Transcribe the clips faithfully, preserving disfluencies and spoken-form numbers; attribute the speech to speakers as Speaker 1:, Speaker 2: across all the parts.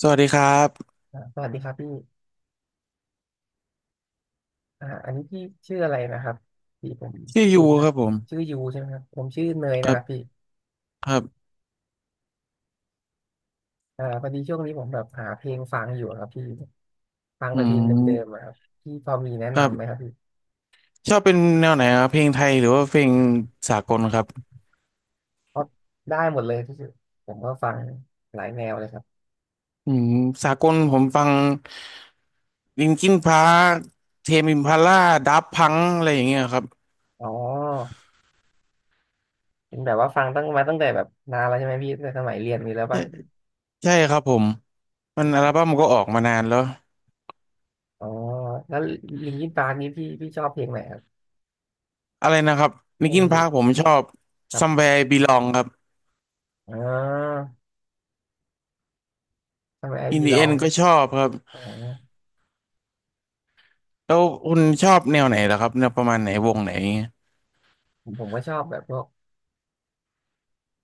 Speaker 1: สวัสดีครับ
Speaker 2: อ่าสวัสดีครับพี่อ่าอันนี้พี่ชื่ออะไรนะครับพี่ผม
Speaker 1: ชื่อยู
Speaker 2: ลืม
Speaker 1: ค
Speaker 2: นะ
Speaker 1: รับผม
Speaker 2: ชื่อยูใช่ไหมครับผมชื่อเนย
Speaker 1: ค
Speaker 2: นะ
Speaker 1: รั
Speaker 2: ครับพี่
Speaker 1: บครับ
Speaker 2: อ่าพอดีช่วงนี้ผมแบบหาเพลงฟังอยู่ครับพี่ฟัง
Speaker 1: อื
Speaker 2: แต่เพลงเดิมๆ
Speaker 1: ม
Speaker 2: อะครับพี่พอมีแนะ
Speaker 1: ครั
Speaker 2: นำไหมค
Speaker 1: บ
Speaker 2: รับพี่
Speaker 1: ชอบเป็นแนวไหนครับ เพลงไทยหรือว่าเพลงสากลครับ
Speaker 2: เพราะได้หมดเลยที่สุดผมก็ฟังหลายแนวเลยครับ
Speaker 1: อืมสากลผมฟังลินคินพาร์คเทมอิมพาล่า ดับพัง อะไรอย่างเงี้ยครับ
Speaker 2: อ๋อเป็นแบบว่าฟังตั้งมาตั้งแต่แบบนานแล้วใช่ไหมพี่ตั้งแต่สมัยเรียนมีแล้ว
Speaker 1: ใช่
Speaker 2: ป่ะ
Speaker 1: ใช่ครับผม มันอัลบั้มก็ออกมานานแล้ว
Speaker 2: อ๋อแล้วลิงคินปาร์กนี้พี่พี่ชอบเพลงไหนครับ
Speaker 1: อะไรนะครับลิน
Speaker 2: ไอ้
Speaker 1: คินพาร์คผมชอบ
Speaker 2: ครับ
Speaker 1: Somewhere I Belong ครับ
Speaker 2: อ๋อทำไมไอ
Speaker 1: In
Speaker 2: บี
Speaker 1: the
Speaker 2: ลอ
Speaker 1: End
Speaker 2: ง
Speaker 1: ก็ชอบครับ
Speaker 2: อ๋อ
Speaker 1: แล้วคุณชอบแนวไหนล่ะครับแนวประมาณไหน วงไหน
Speaker 2: ผมผมก็ชอบแบบพวก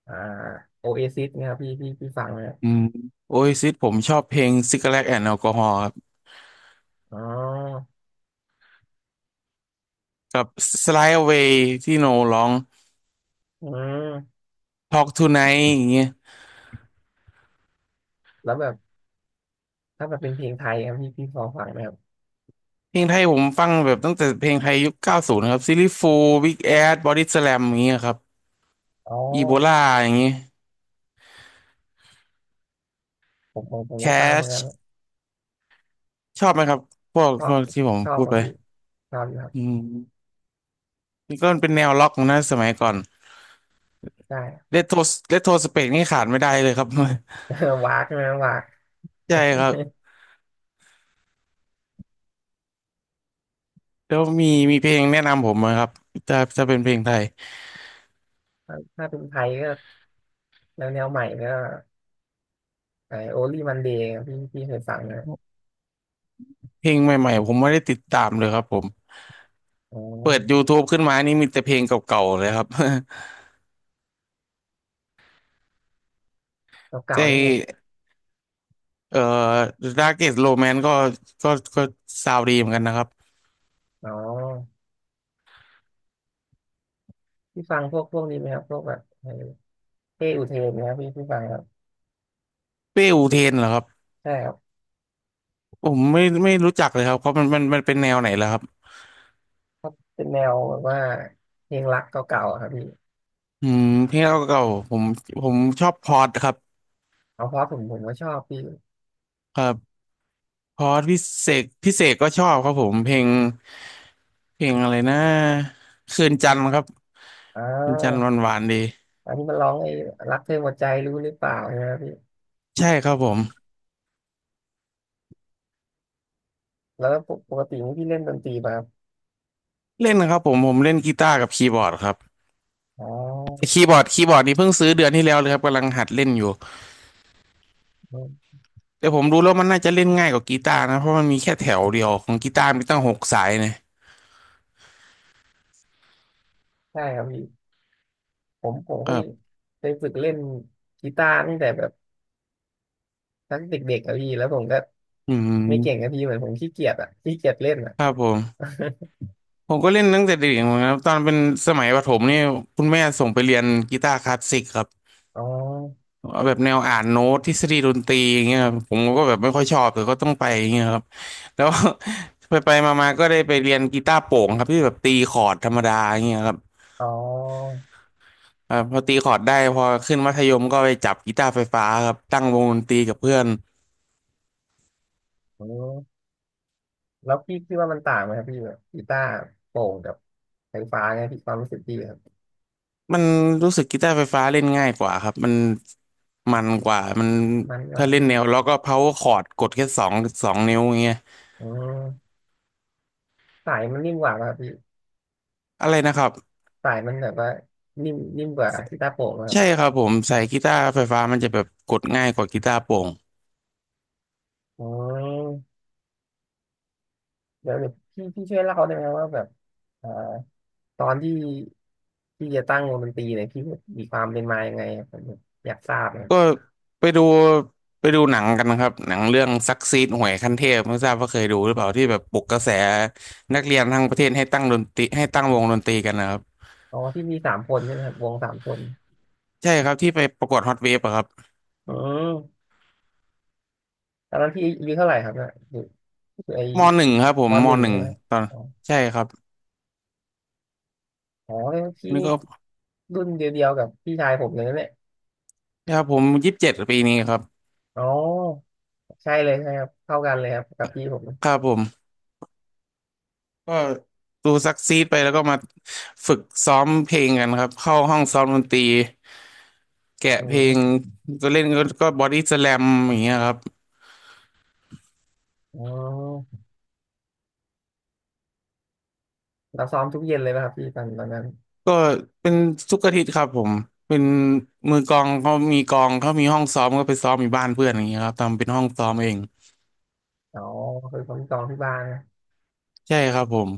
Speaker 2: อ่าโอเอซิสเนี่ยครับพี่พี่พี่ฟังไหมครับ
Speaker 1: อืมโอ้ยซิดผมชอบเพลง Cigarette and Alcohol ครับ
Speaker 2: อ๋อ
Speaker 1: กับ Slide Away ที่โนร้อง
Speaker 2: อืม
Speaker 1: Talk Tonight อย่างเงี้ย
Speaker 2: แล้วแบบถ้าแบบเป็นเพลงไทยครับพี่พี่พอฟังไหมครับ
Speaker 1: เพลงไทยผมฟังแบบตั้งแต่เพลงไทยยุคเก้าสิบนะครับซิลลี่ฟูล Big Ass Body Slam อย่างเงี้ยครับ
Speaker 2: อ๋อ
Speaker 1: อีโบลาอย่างเงี้ย
Speaker 2: ผมผมผมก็ฟังเหมือนกัน
Speaker 1: Cash ชอบไหมครับพวก
Speaker 2: ชอ
Speaker 1: พ
Speaker 2: บ
Speaker 1: วกที่ผม
Speaker 2: ชอบ
Speaker 1: พู
Speaker 2: ค
Speaker 1: ด
Speaker 2: รับ
Speaker 1: ไป
Speaker 2: พี่ชอบอยู่ครั
Speaker 1: อื
Speaker 2: บ
Speaker 1: มนี่ก็เป็นแนวล็อกนะสมัยก่อน
Speaker 2: ใช่
Speaker 1: เลโทเลโทสเปกนี่ขาดไม่ได้เลยครับ
Speaker 2: วากใช่ไหมวาก
Speaker 1: ใช่ครับแล้วมีมีเพลงแนะนำผมไหมครับถ้าถ้าเป็นเพลงไทย
Speaker 2: ถ้าถ้าเป็นไทยก็แนวแนวใหม่ก็ไอโอลี่มันเดย์พี่พี่เคยฟังไหมครับ
Speaker 1: เพลงใหม่ๆผมไม่ได้ติดตามเลยครับผม
Speaker 2: อ๋อ
Speaker 1: เปิด YouTube ขึ้นมานี่มีแต่เพลงเก่าๆเลยครับ
Speaker 2: เก่า
Speaker 1: ใ
Speaker 2: ๆนี่ผม
Speaker 1: จเอ่อ Darkest Romance ก็ก็ก็ซาวด์ดีเหมือนกันนะครับ
Speaker 2: อ๋อพี่ฟังพวกพวกนี้ไหมครับพวกแบบไอ้เป้อุเทนนะครับพี่พี่ฟังครับ
Speaker 1: เป้อูเทนเหรอครับ
Speaker 2: ใช่ครับ
Speaker 1: ผมไม่ไม่รู้จักเลยครับเขามันมันมันเป็นแนวไหนแล้วครับ
Speaker 2: เป็นแนวแบบว่าเพลงรักเก่าๆอะครับพี่
Speaker 1: อืมเพลงเก่าๆผมผมชอบพอดครับ
Speaker 2: เอาเพราะผมผมก็ชอบพี่
Speaker 1: ครับพอดพิเศษพิเศษก็ชอบครับผมเพลงเพลงอะไรนะคืนจันทร์ครับ
Speaker 2: อ่
Speaker 1: คืนจันทร์
Speaker 2: า
Speaker 1: หวานๆดี
Speaker 2: อันนี้มันร้องไอ้รักเธอหมดใจรู้หรือเปล่าใช่ไหมพี่
Speaker 1: ใช่ครับผม
Speaker 2: แล้วปกปกตินี่พี่เล่นดนตรีมาครับ
Speaker 1: เล่นนะครับผมผมเล่นกีตาร์กับคีย์บอร์ดครับ
Speaker 2: อ๋อ
Speaker 1: คีย์บอร์ดคีย์บอร์ดนี่เพิ่งซื้อเดือนที่แล้วเลยครับกำลังหัดเล่นอยู่
Speaker 2: อืม
Speaker 1: แต่ผมรู้แล้วมันน่าจะเล่นง่ายกว่ากีตาร์นะเพราะมันมีแค่แถวเดียวของกีตาร์มีตั้งหกสายนะ
Speaker 2: ใช่ครับพี่ผมผม
Speaker 1: ค
Speaker 2: เค
Speaker 1: รั
Speaker 2: ย
Speaker 1: บ
Speaker 2: เคยฝึกเล่นกีตาร์ตั้งแต่แบบตั้งเด็กๆอะพี่แล้วผมก็
Speaker 1: อื
Speaker 2: ไม่เก่งอะ
Speaker 1: ม
Speaker 2: พี่เหมือนผมขี้เกียจอะขี้เกียจเล่นอะ
Speaker 1: ครับผมผมก็เล่นตั้งแต่เด็กเหมือนกันครับตอนเป็นสมัยประถมนี่คุณแม่ส่งไปเรียนกีตาร์คลาสสิกครับ
Speaker 2: อ๋อ
Speaker 1: เอาแบบแนวอ่านโน้ตทฤษฎีดนตรีอย่างเงี้ยครับผมก็แบบไม่ค่อยชอบแต่ก็ต้องไปอย่างเงี้ยครับแล้ว ไปไปมาๆก็ได้ไปเรียนกีตาร์โปร่งครับที่แบบตีคอร์ดธรรมดาอย่างเงี้ยครับ
Speaker 2: อ๋อ
Speaker 1: อ่าพอตีคอร์ดได้พอขึ้นมัธยมก็ไปจับกีตาร์ไฟฟ้าครับตั้งวงดนตรีกับเพื่อน
Speaker 2: โอืมแล้วพี่คิดว่ามันต่างไหมครับพี่แบบกีตาร์โปร่งกับไฟฟ้าไงพี่ความรู้สึกพี่ครับ
Speaker 1: มันรู้สึกกีตาร์ไฟฟ้าเล่นง่ายกว่าครับมันมันกว่ามัน
Speaker 2: มันกว่า
Speaker 1: ถ้าเล่นแนวแล้วก็เพาคอร์ดกดแค่สองสองนิ้วอย่างเงี้ย
Speaker 2: อืมสายมันนิ่มกว่าป่ะครับพี่
Speaker 1: อะไรนะครับ
Speaker 2: สายมันแบบว่านิ่มนิ่มกว่ากีตาร์โปร่งครับ
Speaker 1: ใช่ครับผมใส่กีตาร์ไฟฟ้ามันจะแบบกดง่ายกว่ากีตาร์โปร่ง
Speaker 2: อ๋อเดี๋ยวเดี๋ยวพี่พี่ช่วยเล่าได้ไหมว่าแบบเอ่อตอนที่พี่จะตั้งวงดนตรีเนี่ยพี่มีความเป็นมายังไงครับผมอยากทราบนะครั
Speaker 1: ก็
Speaker 2: บ
Speaker 1: ไปดูไปดูหนังกันนะครับหนังเรื่องซักซีดหวยขั้นเทพไม่ทราบว่าเคยดูหรือเปล่าที่แบบปลุกกระแสนักเรียนทั้งประเทศให้ตั้งดนตรีให้ตั้งวงดนตรีกันนะครับ
Speaker 2: อ๋อที่มีสามคนใช่ไหมครับวงสามคน
Speaker 1: ใช่ครับที่ไปประกวดฮอตเวฟอะครับ
Speaker 2: อืมตอนนั้นพี่อายุเท่าไหร่ครับเนี่ยอยู่อยู่ไอ
Speaker 1: มหนึ่งครับผม
Speaker 2: ม
Speaker 1: ม
Speaker 2: หนึ่ง
Speaker 1: หนึ่ง
Speaker 2: ใช่ไหม
Speaker 1: ตอน
Speaker 2: อ๋อ
Speaker 1: ใช่ครับ
Speaker 2: อ๋อแล้วพี่
Speaker 1: นี่
Speaker 2: นี่
Speaker 1: ก็
Speaker 2: รุ่นเดียวๆกับพี่ชายผมเลยนะเนี่ย
Speaker 1: ครับผมยี่สิบเจ็ดปีนี้ครับ
Speaker 2: อ๋อใช่เลยใช่ครับเท่ากันเลยครับกับพี่ผม
Speaker 1: ครับผมก็ดูซักซีดไปแล้วก็มาฝึกซ้อมเพลงกันครับเข้าห้องซ้อมดนตรีแกะ
Speaker 2: อื
Speaker 1: เพลง
Speaker 2: ม
Speaker 1: ก็เล่นก็ก็บอดี้สแลมอย่างเงี้ยครับ
Speaker 2: อ๋อ เราซ้อมทุกเย็นเลยป่ะครับพี่ตอนตอนนั้น
Speaker 1: ก็เป็นทุกอาทิตย์ครับผมเป็นมือกลองเขามีกลองเขามีห้องซ้อมก็ไปซ้อมอยู่บ้านเพื่อนอย่างเงี้ยครับทำเป็นห้องซ้อมเอง
Speaker 2: อ๋อคือผมซ้อมที่บ้านนะ
Speaker 1: ใช่ครับผม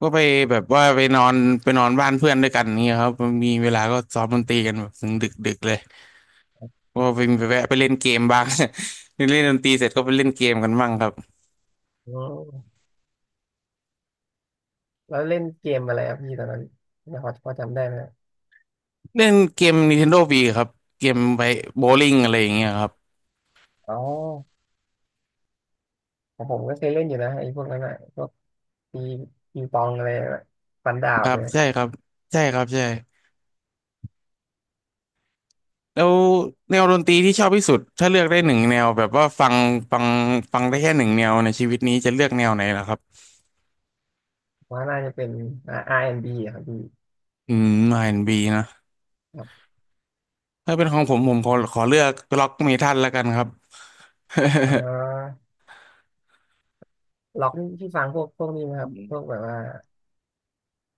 Speaker 1: ก็ไปแบบว่าไปนอนไปนอนบ้านเพื่อนด้วยกันเนี่ยครับมันมีเวลาก็ซ้อมดนตรีกันแบบถึงดึกดึกเลยก็ไปไปแวะไปเล่นเกมบ้าง เล่นดนตรีเสร็จก็ไปเล่นเกมกันบ้างครับ
Speaker 2: อืมแล้วเล่นเกมอะไรครับพี่ตอนนั้นเนี่ยพอพอจำได้ไหม
Speaker 1: เล่นเกม Nintendo Wii ครับเกมไปโบว์ลิ่งอะไรอย่างเงี้ยครับ
Speaker 2: อ๋อของผมก็เคยเล่นอยู่นะไอ้พวกนั้นอ่ะพวกตีปีปองอะไรอะฟันดา
Speaker 1: ค
Speaker 2: บ
Speaker 1: รั
Speaker 2: เล
Speaker 1: บ
Speaker 2: ย
Speaker 1: ใช่ครับใช่ครับใช่แล้วแนวดนตรีที่ชอบที่สุดถ้าเลือกได้หนึ่งแนวแบบว่าฟังฟังฟังได้แค่หนึ่งแนวในชีวิตนี้จะเลือกแนวไหนล่ะครับ
Speaker 2: ว่าน่าจะเป็นอ่า b อนด์บีอะครับพี่
Speaker 1: อืม อาร์ แอนด์ บี นด์บีนะ
Speaker 2: ครับ
Speaker 1: ถ้าเป็นของผมผมขอขอเลือกร็อกเมทัลแล้วกันครับ
Speaker 2: อ๋ อล็อกนี่พี่ฟังพวกพวกนี้ไหมครับพวกแบบว่า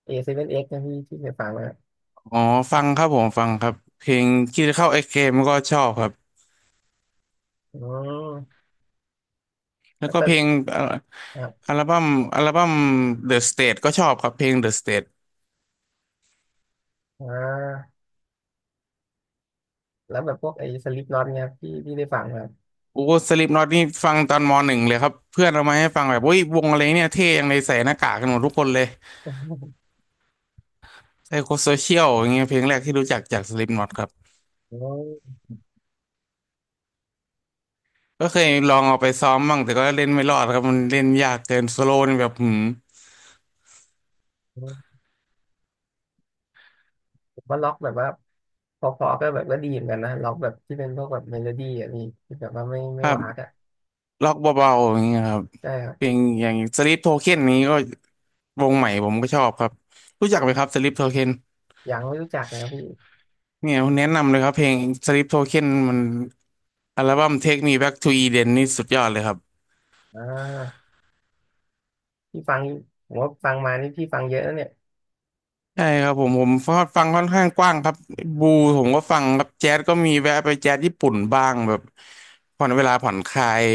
Speaker 2: เอ เซเว่น เอ็กซ์ นเอ็กซ์นะพี่ที่เคยฟังไหมครับ
Speaker 1: อ๋อฟังครับผมฟังครับเพลงคิดเข้าไอเกมก็ชอบครับ
Speaker 2: อืม
Speaker 1: แล้ว
Speaker 2: แล้ว
Speaker 1: ก็
Speaker 2: ก็
Speaker 1: เพลงเอ่อ
Speaker 2: ครับ
Speaker 1: อัลบั้มอัลบั้ม The State ก็ชอบครับเพลง The State
Speaker 2: อ่าแล้วแบบพวกไอ้สลิปน็อตเนี่ยครับพี่พี่ได้ฟังไหมครับ
Speaker 1: โอ้สลิปน็อตนี่ฟังตอนมหนึ่งเลยครับเพื่อนเอามาให้ฟังแบบอุ้ยวงอะไรเนี่ยเท่ยังเลยใส่หน้ากากกันหมดทุกคนเลยไซโคโซเชียลอย่างเงี้ยเพลงแรกที่รู้จักจากสลิปน็อตครับ ก็เคยลองเอาไปซ้อมบ้างแต่ก็เล่นไม่รอดครับมันเล่นยากเกินโซโล่นี่แบบหืม
Speaker 2: โอ้ ว่าล็อกแบบว่าพอๆก็แบบก็ดีเหมือนกันนะล็อกแบบที่เป็นพวกแบบเมโลดี้อ่ะพี่ที่แบบว่าไม่
Speaker 1: ค
Speaker 2: ไม่
Speaker 1: รั
Speaker 2: วา
Speaker 1: บ
Speaker 2: กอ่ะ
Speaker 1: ล็อกเบาๆอย่างเงี้ยครับ
Speaker 2: ใช่ครับ
Speaker 1: เพลงอย่างสลิปโทเค็นนี้ก็ วงใหม่ผมก็ชอบครับรู้จักไหมครับสลิปโทเค็น
Speaker 2: ยังไม่รู้จักนะครับพี่
Speaker 1: เนี่ยแนะนำเลยครับเพลงสลิปโทเค็นมันอัลบั้ม Take Me Back to Eden นี่สุดยอดเลยครับ
Speaker 2: อ่าพี่ฟังผมว่าฟังมานี่พี่ฟังเยอะนะเนี่ย
Speaker 1: ใช่ครับผมผมฟังค่อนข้างกว้างครับบูผมก็ฟังครับแจ๊สก็มีแวะไปแจ๊สญี่ปุ่นบ้างแบบผ่อนเวลาผ่อนคลาย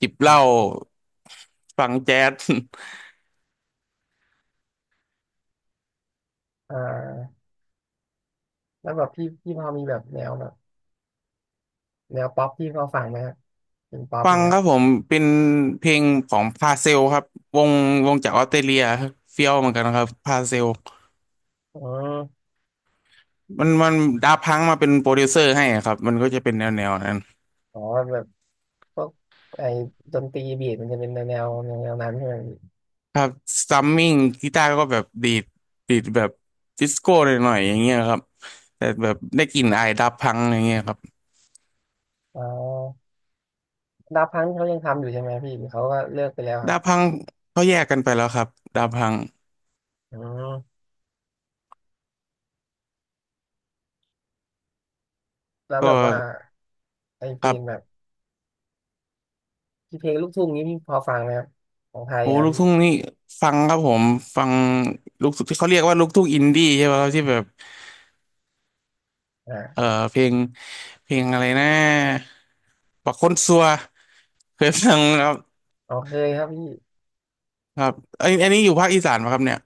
Speaker 1: จิบเหล้าฟังแจ๊ส
Speaker 2: อ่าแล้วแบบพี่พี่พอมีแบบแนวแบบแนวป๊อปพี่พอฟังไหมครับเป็นป๊อ ป
Speaker 1: ฟัง
Speaker 2: เนี่ย
Speaker 1: ครับผมเป็นเพลงของพาเซลครับวงวงจากออสเตรเลียเฟี้ยวเหมือนกันครับพาเซล
Speaker 2: อ๋อ
Speaker 1: มันมันดาพังมาเป็นโปรดิวเซอร์ให้อะครับมันก็จะเป็นแนวแนวนั้น
Speaker 2: อ๋อแบบพวกไอ้ดนตรีบีทมันจะเป็นแนวแนวแนวนั้นใช่ไหมพี่
Speaker 1: ครับซัมมิ่งกีตาร์ก็แบบดีดดีดแบบดิสโก้หน่อยๆอย่างเงี้ยครับแต่แบบได้กลิ่นอายดาพังอย่างเงี้ยครับ
Speaker 2: อ๋อดาพังเขายังทำอยู่ใช่ไหมพี่หรือเขาก็เลิกไปแล้วครับ
Speaker 1: ดาพังเขาแยกกันไปแล้วครับดาพัง
Speaker 2: อืมแล้ว
Speaker 1: ก็
Speaker 2: แบบว่าไอเพ
Speaker 1: ค
Speaker 2: ล
Speaker 1: รั
Speaker 2: งแบ
Speaker 1: บ
Speaker 2: บ พี่เพลงลูกทุ่งนี้พี่พอฟังไหมครับของไทย
Speaker 1: โอ้
Speaker 2: อะครับ
Speaker 1: ลูก
Speaker 2: พี่
Speaker 1: ทุ่งนี่ฟังครับผมฟังลูกทุ่งที่เขาเรียกว่าลูกทุ่งอินดี้ใช่ไหมครับที่แบบ
Speaker 2: อ่า
Speaker 1: เอ่อเพลงเพลงอะไรนะปักคนซัวเคยฟังไหมครับ
Speaker 2: อ๋อเคยครับพี่
Speaker 1: ครับไอยอันนี้อยู่ภาคอีสานไหมครับเนี่ย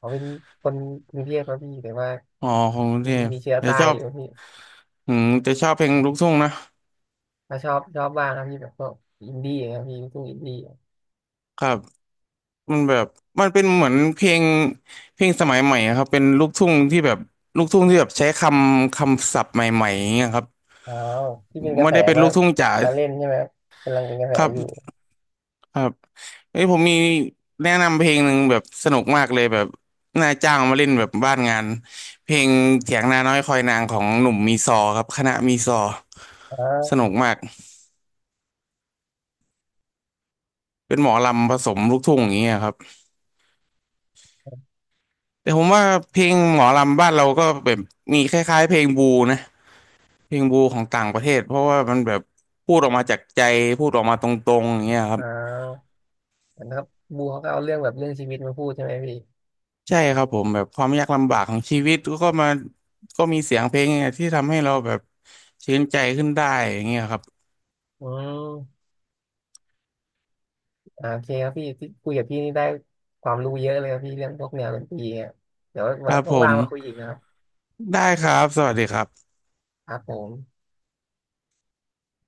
Speaker 2: ผมเป็นคนกรุงเทพครับพี่แต่ว่า
Speaker 1: อ๋อของกรุง
Speaker 2: มี
Speaker 1: เทพ
Speaker 2: มีเชื้อ
Speaker 1: จะ
Speaker 2: ใต้
Speaker 1: ชอ
Speaker 2: อ
Speaker 1: บ
Speaker 2: ยู่ครับพี่
Speaker 1: อืมจะชอบเพลงลูกทุ่งนะ
Speaker 2: มาชอบชอบบ้างครับพี่แบบพวกอินดี้ครับพี่ลูกทุ่งอินดี้
Speaker 1: ครับมันแบบมันเป็นเหมือนเพลงเพลงสมัยใหม่อะครับเป็นลูกทุ่งที่แบบลูกทุ่งที่แบบใช้คำคำศัพท์ใหม่ๆอย่างเงี้ยครับ
Speaker 2: อ๋อที่เป็นกระ
Speaker 1: ไม่
Speaker 2: แส
Speaker 1: ได้เป็น
Speaker 2: มา
Speaker 1: ลูกทุ่งจ๋า
Speaker 2: มาเล่นใช่ไหมครับกำลังเป็นกระแส
Speaker 1: ครั
Speaker 2: อยู่
Speaker 1: บครับเอ้ยผมมีแนะนำเพลงหนึ่งแบบสนุกมากเลยแบบนาาจ้างมาเล่นแบบบ้านงานเพลงเถียงนาน้อยคอยนางของหนุ่มมีซอครับคณะมีซอ
Speaker 2: อ๋อ
Speaker 1: สนุกมากเป็นหมอลำผสมลูกทุ่งอย่างเงี้ยครับ แต่ผมว่าเพลงหมอลำบ้านเราก็แบบมีคล้ายๆเพลงบูนะเพลงบูของต่างประเทศเพราะว่ามันแบบพูดออกมาจากใจพูดออกมาตรงๆอย่างเงี้ยครั
Speaker 2: อ๋
Speaker 1: บ
Speaker 2: อเหมือนครับบูเขาก็เอาเรื่องแบบเรื่องชีวิตมาพูดใช่ไหมพี่
Speaker 1: ใช่ครับผมแบบความยากลำบากของชีวิตก็มาก็มีเสียงเพลงเนี่ยที่ทำให้เราแบบชื่นใจขึ้นได้อย่างเงี้ยครับ
Speaker 2: อืมอ่าโอเคครับพี่ที่คุยกับพี่นี่ได้ความรู้เยอะเลยครับพี่เรื่องพวกแนวดนตรีเนี่ยเดี๋ยว
Speaker 1: ค
Speaker 2: วั
Speaker 1: รับผ
Speaker 2: นว่า
Speaker 1: ม
Speaker 2: งๆมาคุยอีกนะครับ
Speaker 1: ได้ครับสวัสดีครับ
Speaker 2: ครับผม